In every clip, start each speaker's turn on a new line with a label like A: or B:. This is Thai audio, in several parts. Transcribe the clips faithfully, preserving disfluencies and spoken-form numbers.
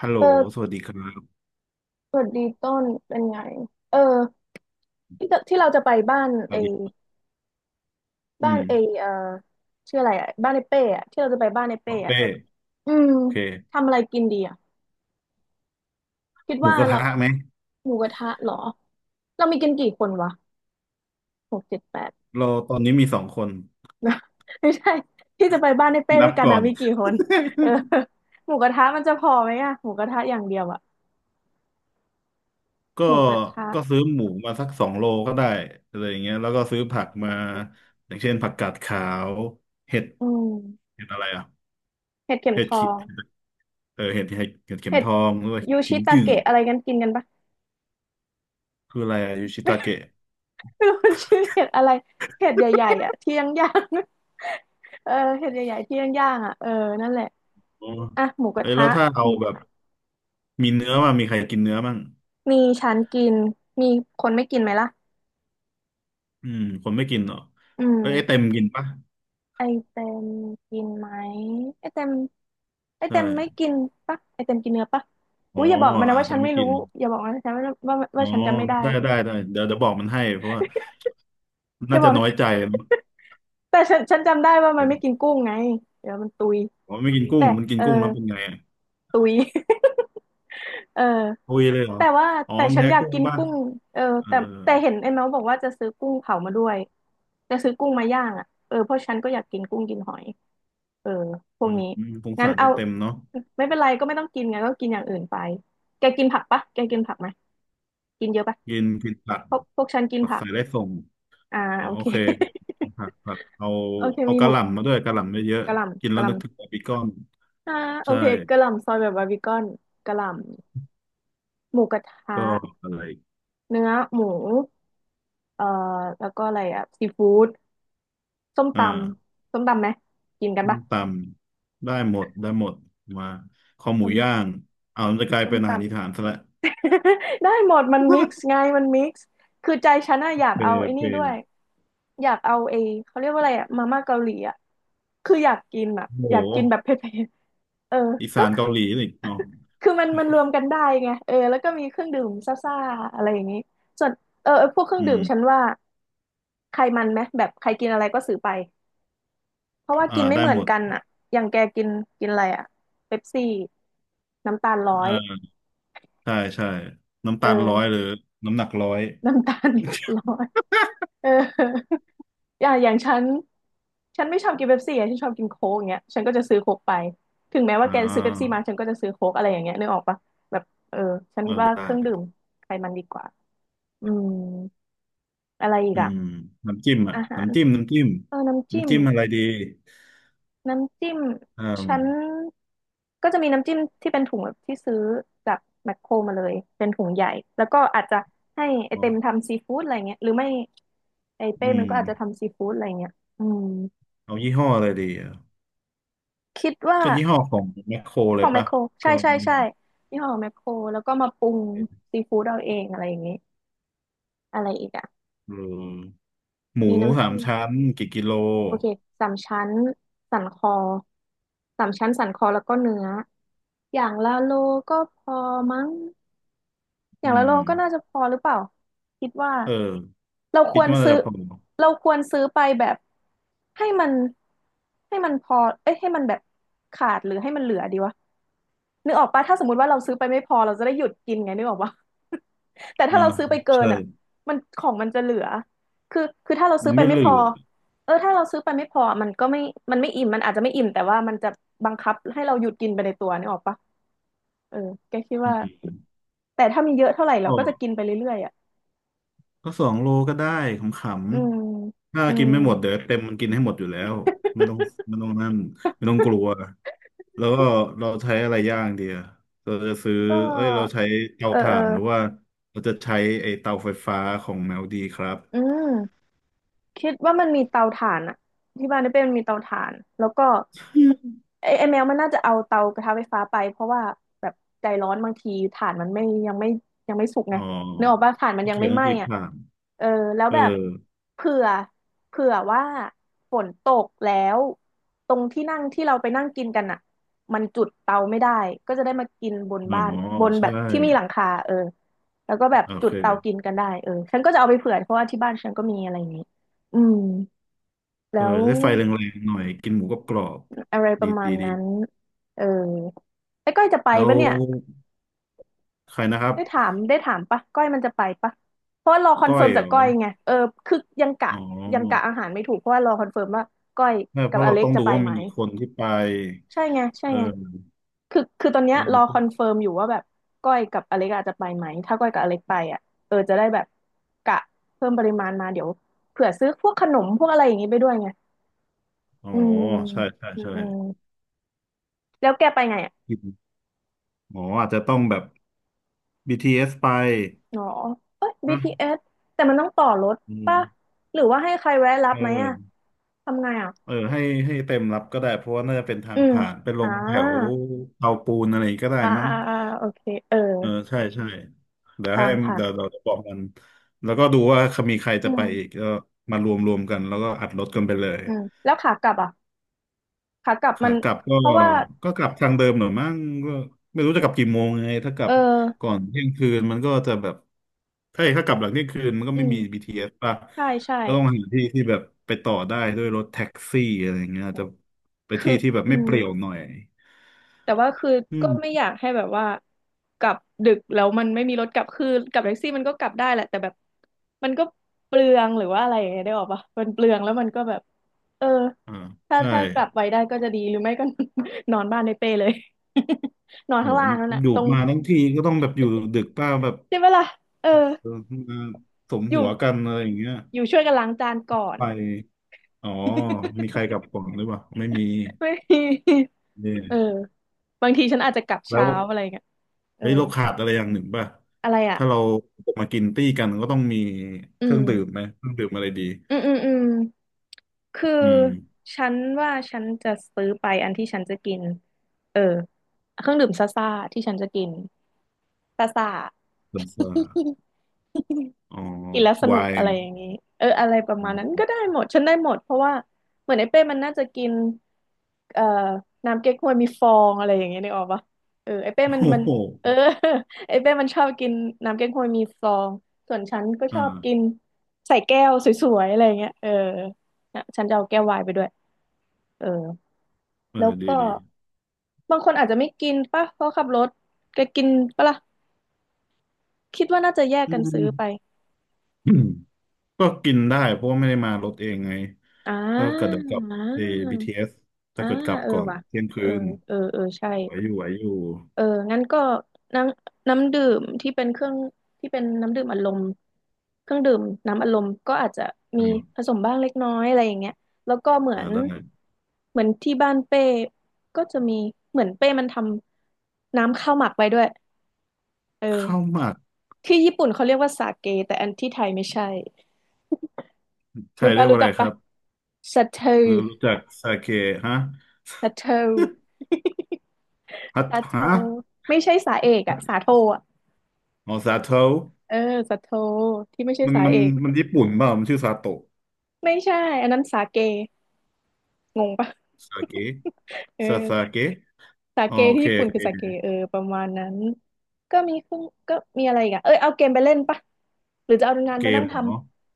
A: ฮัลโหล
B: เออ
A: สวัสดีครับ
B: สวัสดีต้นเป็นไงเออที่จะที่เราจะไปบ้าน
A: ส
B: เอ
A: วัสดีอื
B: บ้าน
A: ม
B: เอเออชื่ออะไรอะบ้านไอเป้อะที่เราจะไปบ้านไอ
A: อ๋
B: เป้
A: อ
B: อะ
A: เป้
B: อืม
A: โอเค
B: ทำอะไรกินดีอะคิด
A: หมู
B: ว่า
A: กระ
B: เรา
A: ทะไหม
B: หมูกระทะเหรอเรามีกันกี่คนวะหกเจ็ดแปด
A: เราตอนนี้มีสองคน
B: ไม่ใช่ที่จะไปบ้านไอเป้ด้
A: นั
B: ว
A: บ
B: ยกัน
A: ก่อ
B: อะ
A: น
B: มี กี่คนเออหมูกระทะมันจะพอไหมอะหมูกระทะอย่างเดียวอะ
A: ก็
B: หมูกระทะ
A: ก็ซื้อหมูมาสักสองโลก็ได้อะไรอย่างเงี้ยแล้วก็ซื้อผัก
B: ส
A: มา
B: องลูก
A: อย่างเช่นผักกาดขาวเห็ด
B: อืม
A: เห็ดอะไรอ่ะ
B: เห็ดเข็ม
A: เห็
B: ท
A: ด
B: อ
A: ขิ
B: ง
A: เออเห็ดเห็ดเห็ดเข็ม
B: เห็ด
A: ทองด้วย
B: ยู
A: กิ
B: ชิ
A: ม
B: ตา
A: จือ
B: เกะอะไรกันกินกันปะ
A: คืออะไรอะยูชิตาเกะ
B: เป็นคนชื่อเห็ดอะไรเห็ดใหญ่ๆอ่ะที่ย่างย่าง เออเห็ดใหญ่ๆที่ย่างย่างอ่ะเออนั่นแหละ
A: อ๋อ
B: อ่ะหมูกระ
A: เอ้ย
B: ทะ
A: แล้วถ้าเอา
B: มี
A: แบบ
B: ผัก
A: มีเนื้อมามีใครกินเนื้อมั่ง
B: มีฉันกินมีคนไม่กินไหมล่ะ
A: อืมคนไม่กินเหรอ
B: อื
A: เอ้ยไอ้เต็ม
B: ม
A: กินปะ
B: ไอเต็มกินไหมไอเต็มไอ
A: ใช่
B: เต็มไม่กินปะไอเต็มกินเนื้อปะ
A: อ๋
B: อุ้
A: อ
B: ยอย่าบอกมันนะ
A: อาจ
B: ว่า
A: จะ
B: ฉัน
A: ไม่
B: ไม่
A: กิ
B: รู้
A: น
B: อย่าบอกมันนะฉันว่าว่า
A: อ๋
B: ว่า
A: อ
B: ฉันจำไม่ได้
A: ได้ได้ได้เดี๋ยวเดี๋ยวบอกมันให้เพราะว่า
B: อ
A: น่า
B: ย่าบ
A: จะ
B: อก
A: น้อยใจ
B: แต่ฉันฉันจำได้ว่า
A: เอ
B: มันไม่กิน
A: อ
B: กุ้งไงเดี๋ยวมันตุย
A: อ๋อไม่กินกุ้
B: แต่
A: งมันกิน
B: เออ
A: กุ้งแล้วเป็นไงอะ
B: ตุย เออ
A: ทุยเลยเหรอ
B: แต่ว่า
A: อ๋อ
B: แต่
A: มัน
B: ฉัน
A: แพ้
B: อยาก
A: กุ้ง
B: กิน
A: ป่ะ
B: กุ้งเออ
A: เออ
B: แต่แต่เห็นไอ้เมาส์บอกว่าจะซื้อกุ้งเผามาด้วยจะซื้อกุ้งมาย่างอ่ะเออเพราะฉันก็อยากกินกุ้งกินหอย เออพว
A: อื
B: ก
A: ม
B: นี้
A: อืมสง
B: งั้น
A: สารได้
B: เอา
A: เต็มเนาะ
B: ไม่เป็นไรก็ไม่ต้องกินไงก็กินอย่างอื่นไป แกกินผักปะแกกินผักไหมกินเยอะปะ
A: กินกินผัก
B: พวกพวกฉันกิน
A: ผัก
B: ผัก
A: ใส่ได้ส่ง
B: อ่า
A: อ๋อ
B: โอ
A: โอ
B: เค
A: เค ผักผักเอา
B: โอเค
A: เอา
B: มีห
A: กะ
B: มู
A: หล่ำมาด้วยกะหล่ำเยอะ
B: กะห
A: ๆกิน
B: ล่ำ
A: แล้
B: กะ
A: ว
B: หล่
A: นึกถึงบาร์บีคอน
B: ำอ่าโอ
A: ใช่
B: เคกะหล่ำซอยแบบบาร์บีคอนกะหล่ำหมูกระทะ
A: ก็อะไร
B: เนื้อหมู เอ่อแล้วก็อะไรอ่ะซีฟู้ดส้มต
A: อ่า
B: ำส้มตำไหมกินกัน
A: ส้ม
B: ปะ
A: ตำได้หมดได้หมดมาคอหมู
B: ส้ม
A: ย่างเอามันจะกลาย
B: ส้ม
A: เป็นอาหาร
B: ตำ
A: อีสานซะและ
B: ได้หมดมันมิกซ์ ไงมันมิกซ์คือใจฉันอะอยาก
A: เป
B: เอาไอ้
A: เป
B: นี่ด้วยอยากเอาไอ้เขาเรียกว่าอะไรอะมาม่าเกาหลีอะคืออยากกินอะ
A: โ
B: อยากกิน
A: ห
B: แบบเผ็ดๆเออ
A: อี
B: ก็
A: สาน
B: คือ
A: เกาหลีนี่เนาะ
B: คือมันมันรวมกันได้ไงเออแล้วก็มีเครื่องดื่มซ่าๆอะไรอย่างนี้ส่วนเออพวกเครื่อง
A: อื
B: ดื่มฉัน
A: ม
B: ว่าใครมันไหมแบบใครกินอะไรก็ซื้อไป เพราะว่า
A: อ่า
B: กินไม่
A: ได้
B: เหมือ
A: ห
B: น
A: มด
B: กันอะอย่างแกกินกินอะไรอะเป๊ปซี่น้ำตาลร้อ
A: อ่
B: ย
A: าใช่ใช่น้ำตาลร้อย
B: เออ
A: หรือน้ำหนักร้อย
B: น้ำตาลร้อยเอออย่างอย่างฉันฉันไม่ชอบกินเป๊ปซี่อะฉันชอบกินโค้กอย่างเงี้ยฉันก็จะซื้อโค้กไปถึงแม้ว่า
A: อ่
B: แกซื้อเป๊ปซี่มา
A: า
B: ฉันก็จะซื้อโค้กอะไรอย่างเงี้ยนึกออกปะแบบเออฉัน
A: ไ
B: ว่าเครื่องดื่ม
A: ด้
B: ไขมันดีกว่าอืมอะไรอีก
A: อื
B: อะ
A: มน้ำจิ้มอ่ะ
B: อาหาร
A: น้ำจิ้มน้ำจิ้ม
B: เออน้ำจิ้ม
A: น้ำจิ้มอะไรดี
B: น้ำจิ้ม
A: อ่า
B: ฉันก็จะมีน้ำจิ้มที่เป็นถุงแบบที่ซื้อจากแมคโครมาเลยเป็นถุงใหญ่แล้วก็อาจจะให้ไอ
A: เอา
B: เต็มทำซีฟู้ดอะไรเงี้ยหรือไม่ไอเป้
A: อื
B: มัน
A: ม
B: ก็อาจจะทำซีฟู้ดอะไรเงี้ยอืม
A: เอายี่ห้ออะไรดีอ่ะ
B: คิดว่า
A: ก็ยี่ห้อของแมคโคร
B: ข
A: เล
B: อ
A: ย
B: งแมค
A: ปะ
B: โครใช่
A: ก็
B: ใช่ใช่ยี่ห้อของแมคโครแล้วก็มาปรุงซีฟู้ดเอาเองอะไรอย่างเงี้อะไรอีกอ่ะ
A: เออ หมู
B: มี
A: สา
B: น้ำ
A: ม
B: จิ้ม
A: ชั้นกี่กิโล
B: โอเคสามชั้นสันคอสามชั้นสันคอแล้วก็เนื้ออย่างละโลก็พอมั้ง อ
A: อื
B: ย่างละโล
A: ม
B: ก็น่าจะพอหรือเปล่าคิดว่า
A: เออ
B: เราค
A: คิด
B: วร
A: ว่า
B: ซื้อ
A: จะพอ
B: เราควรซื้อไปแบบให้มันให้มันพอเอ้ยให้มันแบบขาดหรือให้มันเหลือดีวะนึกออกปะถ้าสมมติว่าเราซื้อไปไม่พอเราจะได้หยุดกินไงนึกออกปะ แต่ถ้า
A: อ่า
B: เราซื้อไปเกิน
A: ใช่
B: อ่ะมันของมันจะเหลือคือคือถ้าเราซื้
A: มั
B: อ
A: น
B: ไป
A: ไม่
B: ไม่
A: เหลื
B: พอ
A: อ
B: เออถ้าเราซื้อไปไม่พอมันก็ไม่มันไม่อิ่มมันอาจจะไม่อิ่มแต่ว่ามันจะบังคับให้เราหยุดกินไปในตัวนึกออกปะเออแกคิด
A: อื
B: ว่า
A: ม
B: แต่ถ้ามีเยอะเท่าไหร่เรา
A: ก็
B: ก็จะกินไปเรื่อยๆอ่ะ
A: ก็สองโลก็ได้ข
B: อืม
A: ำๆ ถ้า
B: อื
A: กิน
B: ม
A: ไม่หมดเดี๋ยวเต็มมันกินให้หมดอยู่แล้วไม่ต้องไม่ต้องนั่นไม่ต้องกลัว แล้วก็เราใช้อะไรย่างดีอะเราจะซื้อ
B: ก็
A: เอ้ย เราใช้เตา
B: เออเอ
A: ถ่า
B: อ
A: นหรือว่า เราจะใช้ไอ้เตาไฟฟ้าของแมวดีครับ
B: อืม คิดว่ามันมีเตาถ่านอะที่บ้านได้เป็นมีเตาถ่านแล้วก็ ไอ้ไอแมวมันน่าจะเอาเตากระทะไฟฟ้าไปเพราะว่าแบบใจร้อนบางทีถ่านมันไม่ยังไม่ยังไม่สุกไง
A: อ๋อ
B: นึกออกป่ะถ่านมัน
A: ขี้
B: ยัง
A: เกีย
B: ไม่
A: จต้อ
B: ไห
A: ง
B: ม้
A: คิด
B: อะ
A: ผ่าน
B: เออแล้ว
A: เออ
B: แบบเผื่อเผื่อว่าฝนตกแล้วตรงที่นั่งที่เราไปนั่งกินกันอะมันจุดเตาไม่ได้ก็จะได้มากินบน
A: อ๋อ
B: บ้านบนแบ
A: ใช่
B: บที่มีหลังคาเออแล้วก็แบบ
A: โอ
B: จุดเตากิ
A: เค
B: นกันได้เออฉันก็จะเอาไปเผื่อเพราะว่าที่บ้านฉันก็มีอะไรอย่างนี้ อืม
A: เออ
B: แล้ว
A: ได้ไฟแรงๆหน่อย กินหมูกรอบ
B: อะไรป
A: ๆดี
B: ระมา
A: ดี
B: ณ
A: ดี
B: นั้นเออไอ้ก้อยจะไป
A: แล้ว
B: ปะเนี่ย
A: ใครนะครับ
B: ได้ถามได้ถามปะก้อยมันจะไปปะเพราะว่ารอคอน
A: ก้อ
B: เฟิ
A: ย
B: ร์ม
A: เหร
B: จาก
A: อ
B: ก้อยไงเออคือยังกะ
A: อ๋อ
B: ยังกะอาหารไม่ถูกเพราะว่ารอคอนเฟิร์มว่าก้อย
A: ไม่เพ
B: กับ
A: ราะ
B: อ
A: เรา
B: เล็ก
A: ต้อง
B: จะ
A: ดู
B: ไป
A: ว่า
B: ไหม
A: มีกี่คนที่ไป
B: ใช่ไงใช่
A: เอ
B: ไง
A: อ
B: คือคือตอนเนี้ย
A: เอ
B: รอคอน
A: อ
B: เฟิร์มอยู่ว่าแบบก้อยกับอเล็กอาจจะไปไหมถ้าก้อยกับอเล็กไปอ่ะเออจะได้แบบกะเพิ่มปริมาณมาเดี๋ยวเผื่อซื้อพวกขนมพวกอะไรอย่างงี้ไปด้วยไง
A: อ๋อ
B: อืม
A: ใช่ใช่
B: อืม
A: ใช่
B: อืมแล้วแกไปไง
A: กินอ๋ออาจจะต้องแบบ บี ที เอส ไป
B: อ๋อเอ้ย
A: นะ
B: บี ที เอส แต่มันต้องต่อรถ
A: อืม
B: ป่ะ หรือว่าให้ใครแวะรับ
A: เอ
B: ไหมอ่ะ
A: อ
B: ทำไงอ่ะ
A: เออให้ให้เต็มรับก็ได้ เพราะว่าน่าจะเป็นทา
B: อื
A: ง
B: ม
A: ผ่านไปล
B: อ่า
A: งแถวเตาปูนอะไรก็ได้
B: อ่า
A: มั้ง
B: อ่า อ่า โอเค เออ
A: เออใช่ใช่เดี๋ยว
B: ตา
A: ให้
B: มผ่ะ
A: เดี๋ยวเราจะบอกมันแล้วก็ดูว่ามีใคร
B: อื
A: จะไปอีก
B: ม
A: ก็มารวมรวมกันแล้วก็อัดรถกันไปเลย
B: อืม แล้วขากลับอ่ะขากลับมั
A: ขา
B: น
A: กลับก็
B: เพราะว่า
A: ก็กลับทางเดิมหน่อยมั้งก็ไม่รู้จะกลับกี่โมงไงถ้ากลั
B: เออ
A: บก่อนเที่ยงคืนมันก็จะแบบถ้าถ้ากลับหลังเที่ยงคืนมันก็
B: อื
A: ไม่มี
B: ม
A: บี ที เอส ป่ะ
B: ใช่ใช่
A: ก็ต้องหาที่ที่แบบไปต่อได้ด้วยรถแท็กซี่อะไรอย่างเงี้ยอาจจะไป
B: คื
A: ที่
B: อ
A: ที่แบบ
B: อื
A: ไม่เป
B: ม
A: รี่ยวหน่อย
B: แต่ว่าคือ
A: อื
B: ก็ไม่อ
A: ม
B: ยากให้แบบว่ากลับดึกแล้วมันไม่มีรถกลับคือกลับแท็กซี่มันก็กลับได้แหละแต่แบบมันก็เปลืองหรือว่าอะไรอย่างเงี้ยได้ออกปะมันเปลืองแล้วมันก็แบบเออ
A: อ่า
B: ถ้า
A: ใช่
B: ถ้ากลับไปได้ก็จะดีหรือไม่ก็ นอนบ้านในเป้เลย นอน
A: โห
B: ข้างล่างนั่นแหละ
A: อยู่
B: ตรง
A: มาทั้งทีก็ต้องแบบอยู่ดึกป้าแบบ
B: ใช่ไหมล่ะเออ
A: เออมาสม
B: อยู่
A: หัวกันอะไรอย่างเงี้ย
B: อยู่ช่วยกันล้างจานก่อน
A: ไปอ๋อมีใครกลับก่อนหรือเปล่าไม่มี
B: ไม่มี
A: เนี่ย
B: เออบางทีฉันอาจจะกลับ
A: แล้
B: เช้า
A: ว
B: อะไรเงี้ยเออ
A: เฮ้ยเราขาดอะไรอย่างหนึ่งป่ะ
B: อะไรอ่ะ
A: ถ้าเราจะมากินตี้กันก็ต้องมี
B: อื
A: เครื่องดื่ม
B: ม
A: ไหมเครื่องดื่มอะไรดี
B: อืมอืมอืม คือ
A: อืม
B: ฉันว่าฉันจะซื้อไปอันที่ฉันจะกินเออเครื่องดื่มซ่าซ่าที่ฉันจะกินซ่าซ่า
A: เบียร์อ๋อ
B: กินแล้วส
A: ไว
B: นุกอะไร
A: น์
B: อย่างนี้เอออะไรประ
A: อ๋
B: มาณนั้น
A: อ
B: ก็ได้หมดฉันได้หมดเพราะว่าเหมือนไอ้เป้มันน่าจะกินเอ่อน้ำเก๊กฮวยมีฟองอะไรอย่างเงี้ยนึกออกปะเออไอ้เป้มัน
A: โอ้
B: มัน
A: โห
B: เออ ไอ้เป้มันชอบกินน้ำเก๊กฮวยมีฟองส่วนฉันก็ช
A: อ่า
B: อบกินใส่แก้วสวยๆอะไรอย่างเงี้ยเออนะฉันจะเอาแก้วไวน์ไปด้วยเออ
A: เอ
B: แล้
A: อ
B: ว
A: ดี
B: ก็
A: ดี
B: บางคนอาจจะไม่กินป่ะเพราะขับรถแกกินป่ะล่ะคิดว่าน่าจะแยก
A: อื
B: กันซื้อ
A: ม
B: ไป
A: อืมก็กินได้เพราะว่าไม่ได้มารถเองไง
B: อ่า
A: ก็เกิดเดี๋ยวกลับ
B: อ่
A: เอ b
B: า
A: s ถ้า
B: อ่า
A: เกิดกลับ
B: เออ
A: ก่อน
B: ว่ะ
A: เที่ยง
B: เอ
A: คื
B: อ
A: น
B: เออเออใช่
A: ไหวอยู่ไหวอยู่
B: เอองั้นก็น้ำน้ำดื่มที่เป็นเครื่องที่เป็นน้ำดื่มอารมณ์เครื่องดื่มน้ำอารมณ์ก็อาจจะมี
A: อา
B: ผสมบ้างเล็กน้อยอะไรอย่างเงี้ยแล้วก็เหมือ
A: อ่า
B: น
A: ได้
B: เหมือนที่บ้านเป้ก็จะมีเหมือนเป้มันทำน้ำข้าวหมักไว้ด้วยเอ
A: ข้าว
B: อ
A: หมัก
B: ที่ญี่ปุ่นเขาเรียกว่าสาเกแต่อันที่ไทยไม่ใช่
A: ไท
B: รู้
A: ยเรี
B: ปะ
A: ยกว่า
B: รู้
A: อะ
B: จั
A: ไร
B: ก
A: ค
B: ปะ
A: รับ
B: สาเท
A: รู้รู้จักซาเกะฮะ
B: สาเท
A: ฮัต
B: สาโท
A: ฮะ
B: ไม่ใช่สาเอกอะสาโทอะ
A: อ๋อซาโตะ
B: เออสาโทที่ไม่ใช่
A: มัน
B: สา
A: มัน
B: เอก
A: มันญี่ปุ่นเปล่ามันชื่อซาโตะ
B: ไม่ใช่อันนั้นสาเกงงปะ
A: ซาเกะ
B: เออ
A: ซาซาเกะ
B: สา
A: อ๋อ
B: เก
A: โอ
B: ที่
A: เค
B: ญี่
A: โอ
B: ปุ่นคื
A: เค
B: อสาเกเออประมาณนั้นก็มีเครื่องก็มีอะไรอีกอะเอยเอาเกมไปเล่นปะหรือจะเอางาน
A: เก
B: ไป
A: ม
B: นั่ง
A: เหร
B: ทำ
A: อ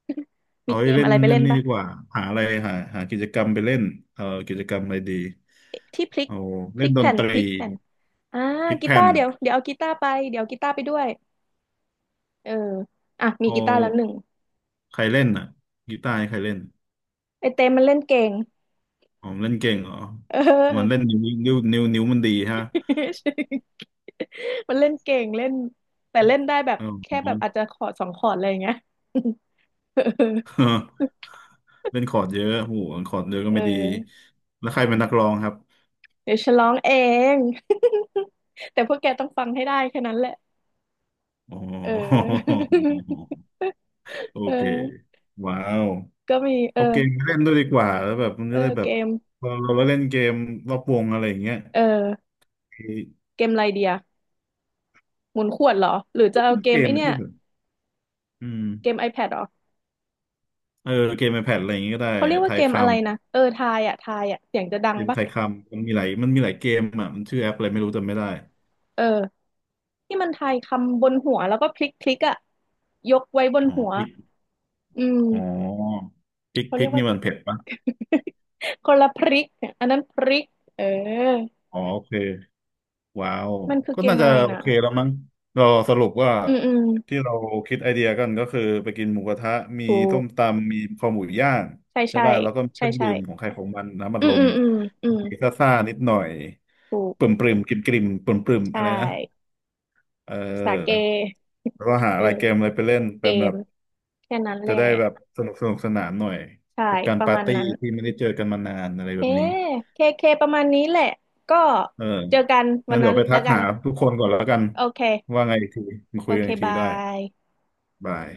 B: มี
A: เอาไว้
B: เกม
A: เล่
B: อะ
A: น
B: ไรไป
A: เล่
B: เล่
A: น
B: น
A: นี่
B: ปะ
A: ดีกว่าหาอะไรหาหากิจกรรมไปเล่นเอ่อกิจกรรมอะไรดี
B: ที่พลิก
A: เอา
B: พลิ
A: เล่น
B: ก
A: ดน
B: แผ่น
A: ต
B: พลิ
A: รี
B: กแผ่น อ่า
A: พลิก
B: กี
A: แผ่
B: ตา
A: น
B: ร์เดี๋ยวเดี๋ยวเอากีตาร์ไปเดี๋ยวเอากีตาร์ไปด้วยเอออ่ะมี
A: เอา
B: กีตาร์แล้วหนึ่ง
A: ใครเล่นอ่ะกีตาร์ให้ใครเล่น
B: ไอเต้มันเล่นเก่ง
A: อ๋อมันเล่นเก่งเหรอ
B: เอ
A: มันเล่น
B: อ
A: นิ้วนิ้วนิ้วนิ้วมันดีฮะ
B: มันเล่นเก่งเล่นแต่เล่นได้แบบ
A: อ๋
B: แค่แบ
A: อ
B: บอาจจะขอร์ดสองขอร์ดอะไรอย่างเงี้ย
A: เออเล่นคอร์ดเยอะโอ้โหคอร์ดเยอะก็
B: เออ
A: ไม่ดี
B: เออ
A: แล้วใครเป็นนักร้องครับ
B: เดี๋ยวฉันร้องเอง แต่พวกแกต้องฟังให้ได้แค่นั้นแหละ
A: อ๋อ
B: เออ
A: โอ
B: เ
A: เค
B: ออ
A: ว้าว
B: ก็มีเออ
A: เอาเกมไปเล่นด้วยดีกว่าแล้วแบบมัน
B: เอ
A: จะ
B: อ
A: ได้แบ
B: เก
A: บ
B: ม
A: เราเราเล่นเกมรอบวงอะไรอย่างเงี้ย
B: เออเกมอะไรเดียหมุนขวดเหรอหรือจะ
A: ก็
B: เอา
A: เป็น
B: เก
A: เก
B: มไอ
A: ม
B: เนี้ย
A: ที่แบบอืม
B: เกม ไอแพด เหรอ
A: เออเกมในแพดอะไรอย่างงี้ก็ได้
B: เขาเรียก
A: ไท
B: ว่าเก
A: ยค
B: มอะไรนะเออทายอ่ะทายอ่ะเสียงจะดั
A: ำเก
B: ง
A: ม
B: ปะ
A: ไทยคำมันมีหลายมันมีหลายเกมอ่ะมันชื่อแอปอะไรไม่รู้จำไม่ได้
B: เออที่มันทายคำบนหัวแล้วก็พลิกพลิกอ่ะยกไว้บน
A: อ๋อ
B: หัว
A: พิก
B: อื
A: อ๋อ
B: ม
A: พิก
B: เขาเรี
A: พิ
B: ย
A: ก
B: กว่า
A: นี่มันเผ็ดปะ
B: คนละพริกเนี่ยอันนั้นพริกเออ
A: อ๋อโอเค ว้าว
B: มันคือ
A: ก็
B: เก
A: น่า
B: ม
A: จะ
B: อะไร
A: โอ
B: นะ
A: เคแล้วมั้งเราสรุปว่า
B: อืมอืม
A: ที่เราคิดไอเดียกันก็คือไปกินหมูกระทะมี
B: ถู
A: ส้
B: ก
A: มตำมีคอหมูย่าง
B: ใช่
A: ใช่
B: ใช่
A: ป่ะแล้วก็มีเค
B: ใช่
A: รื่อง
B: ใช่
A: ดื่มของใครของมันน้ำอัด
B: อื
A: ล
B: มอื
A: ม
B: มอืมอืม
A: มีซ่าๆนิดหน่อย
B: ถูก
A: ปริ่มปริมกริมกริมปริ่มปริม
B: ใช
A: อะไรนะ
B: ่
A: เอ
B: ภาษาเก
A: อแล้วก็หา
B: เอ
A: อะ
B: อ
A: ไรเกมอะไรไปเล่น
B: เก
A: เป็นแบ
B: ม
A: บ
B: แค่นั้นแห
A: จะ
B: ละ
A: ได้แบบสนุกสนุกสนานหน่อย
B: ใช่
A: กับการ
B: ประ
A: ปา
B: มา
A: ร์
B: ณ
A: ตี้
B: นั้น
A: ที่ไม่ได้เจอกันมานานอะไร
B: เค
A: แบบนี้
B: เคเคประมาณนี้แหละก็
A: เออ
B: เจอกันวั
A: นั่น
B: น
A: เดี๋
B: นั้
A: ย
B: น
A: วไปทั
B: แล้ว
A: ก
B: กัน
A: หาทุกคนก่อนแล้วกัน
B: โอเค
A: ว่าไงอีกทีมา
B: โอ
A: คุยกั
B: เค
A: นอีกที
B: บา
A: ได้
B: ย
A: บาย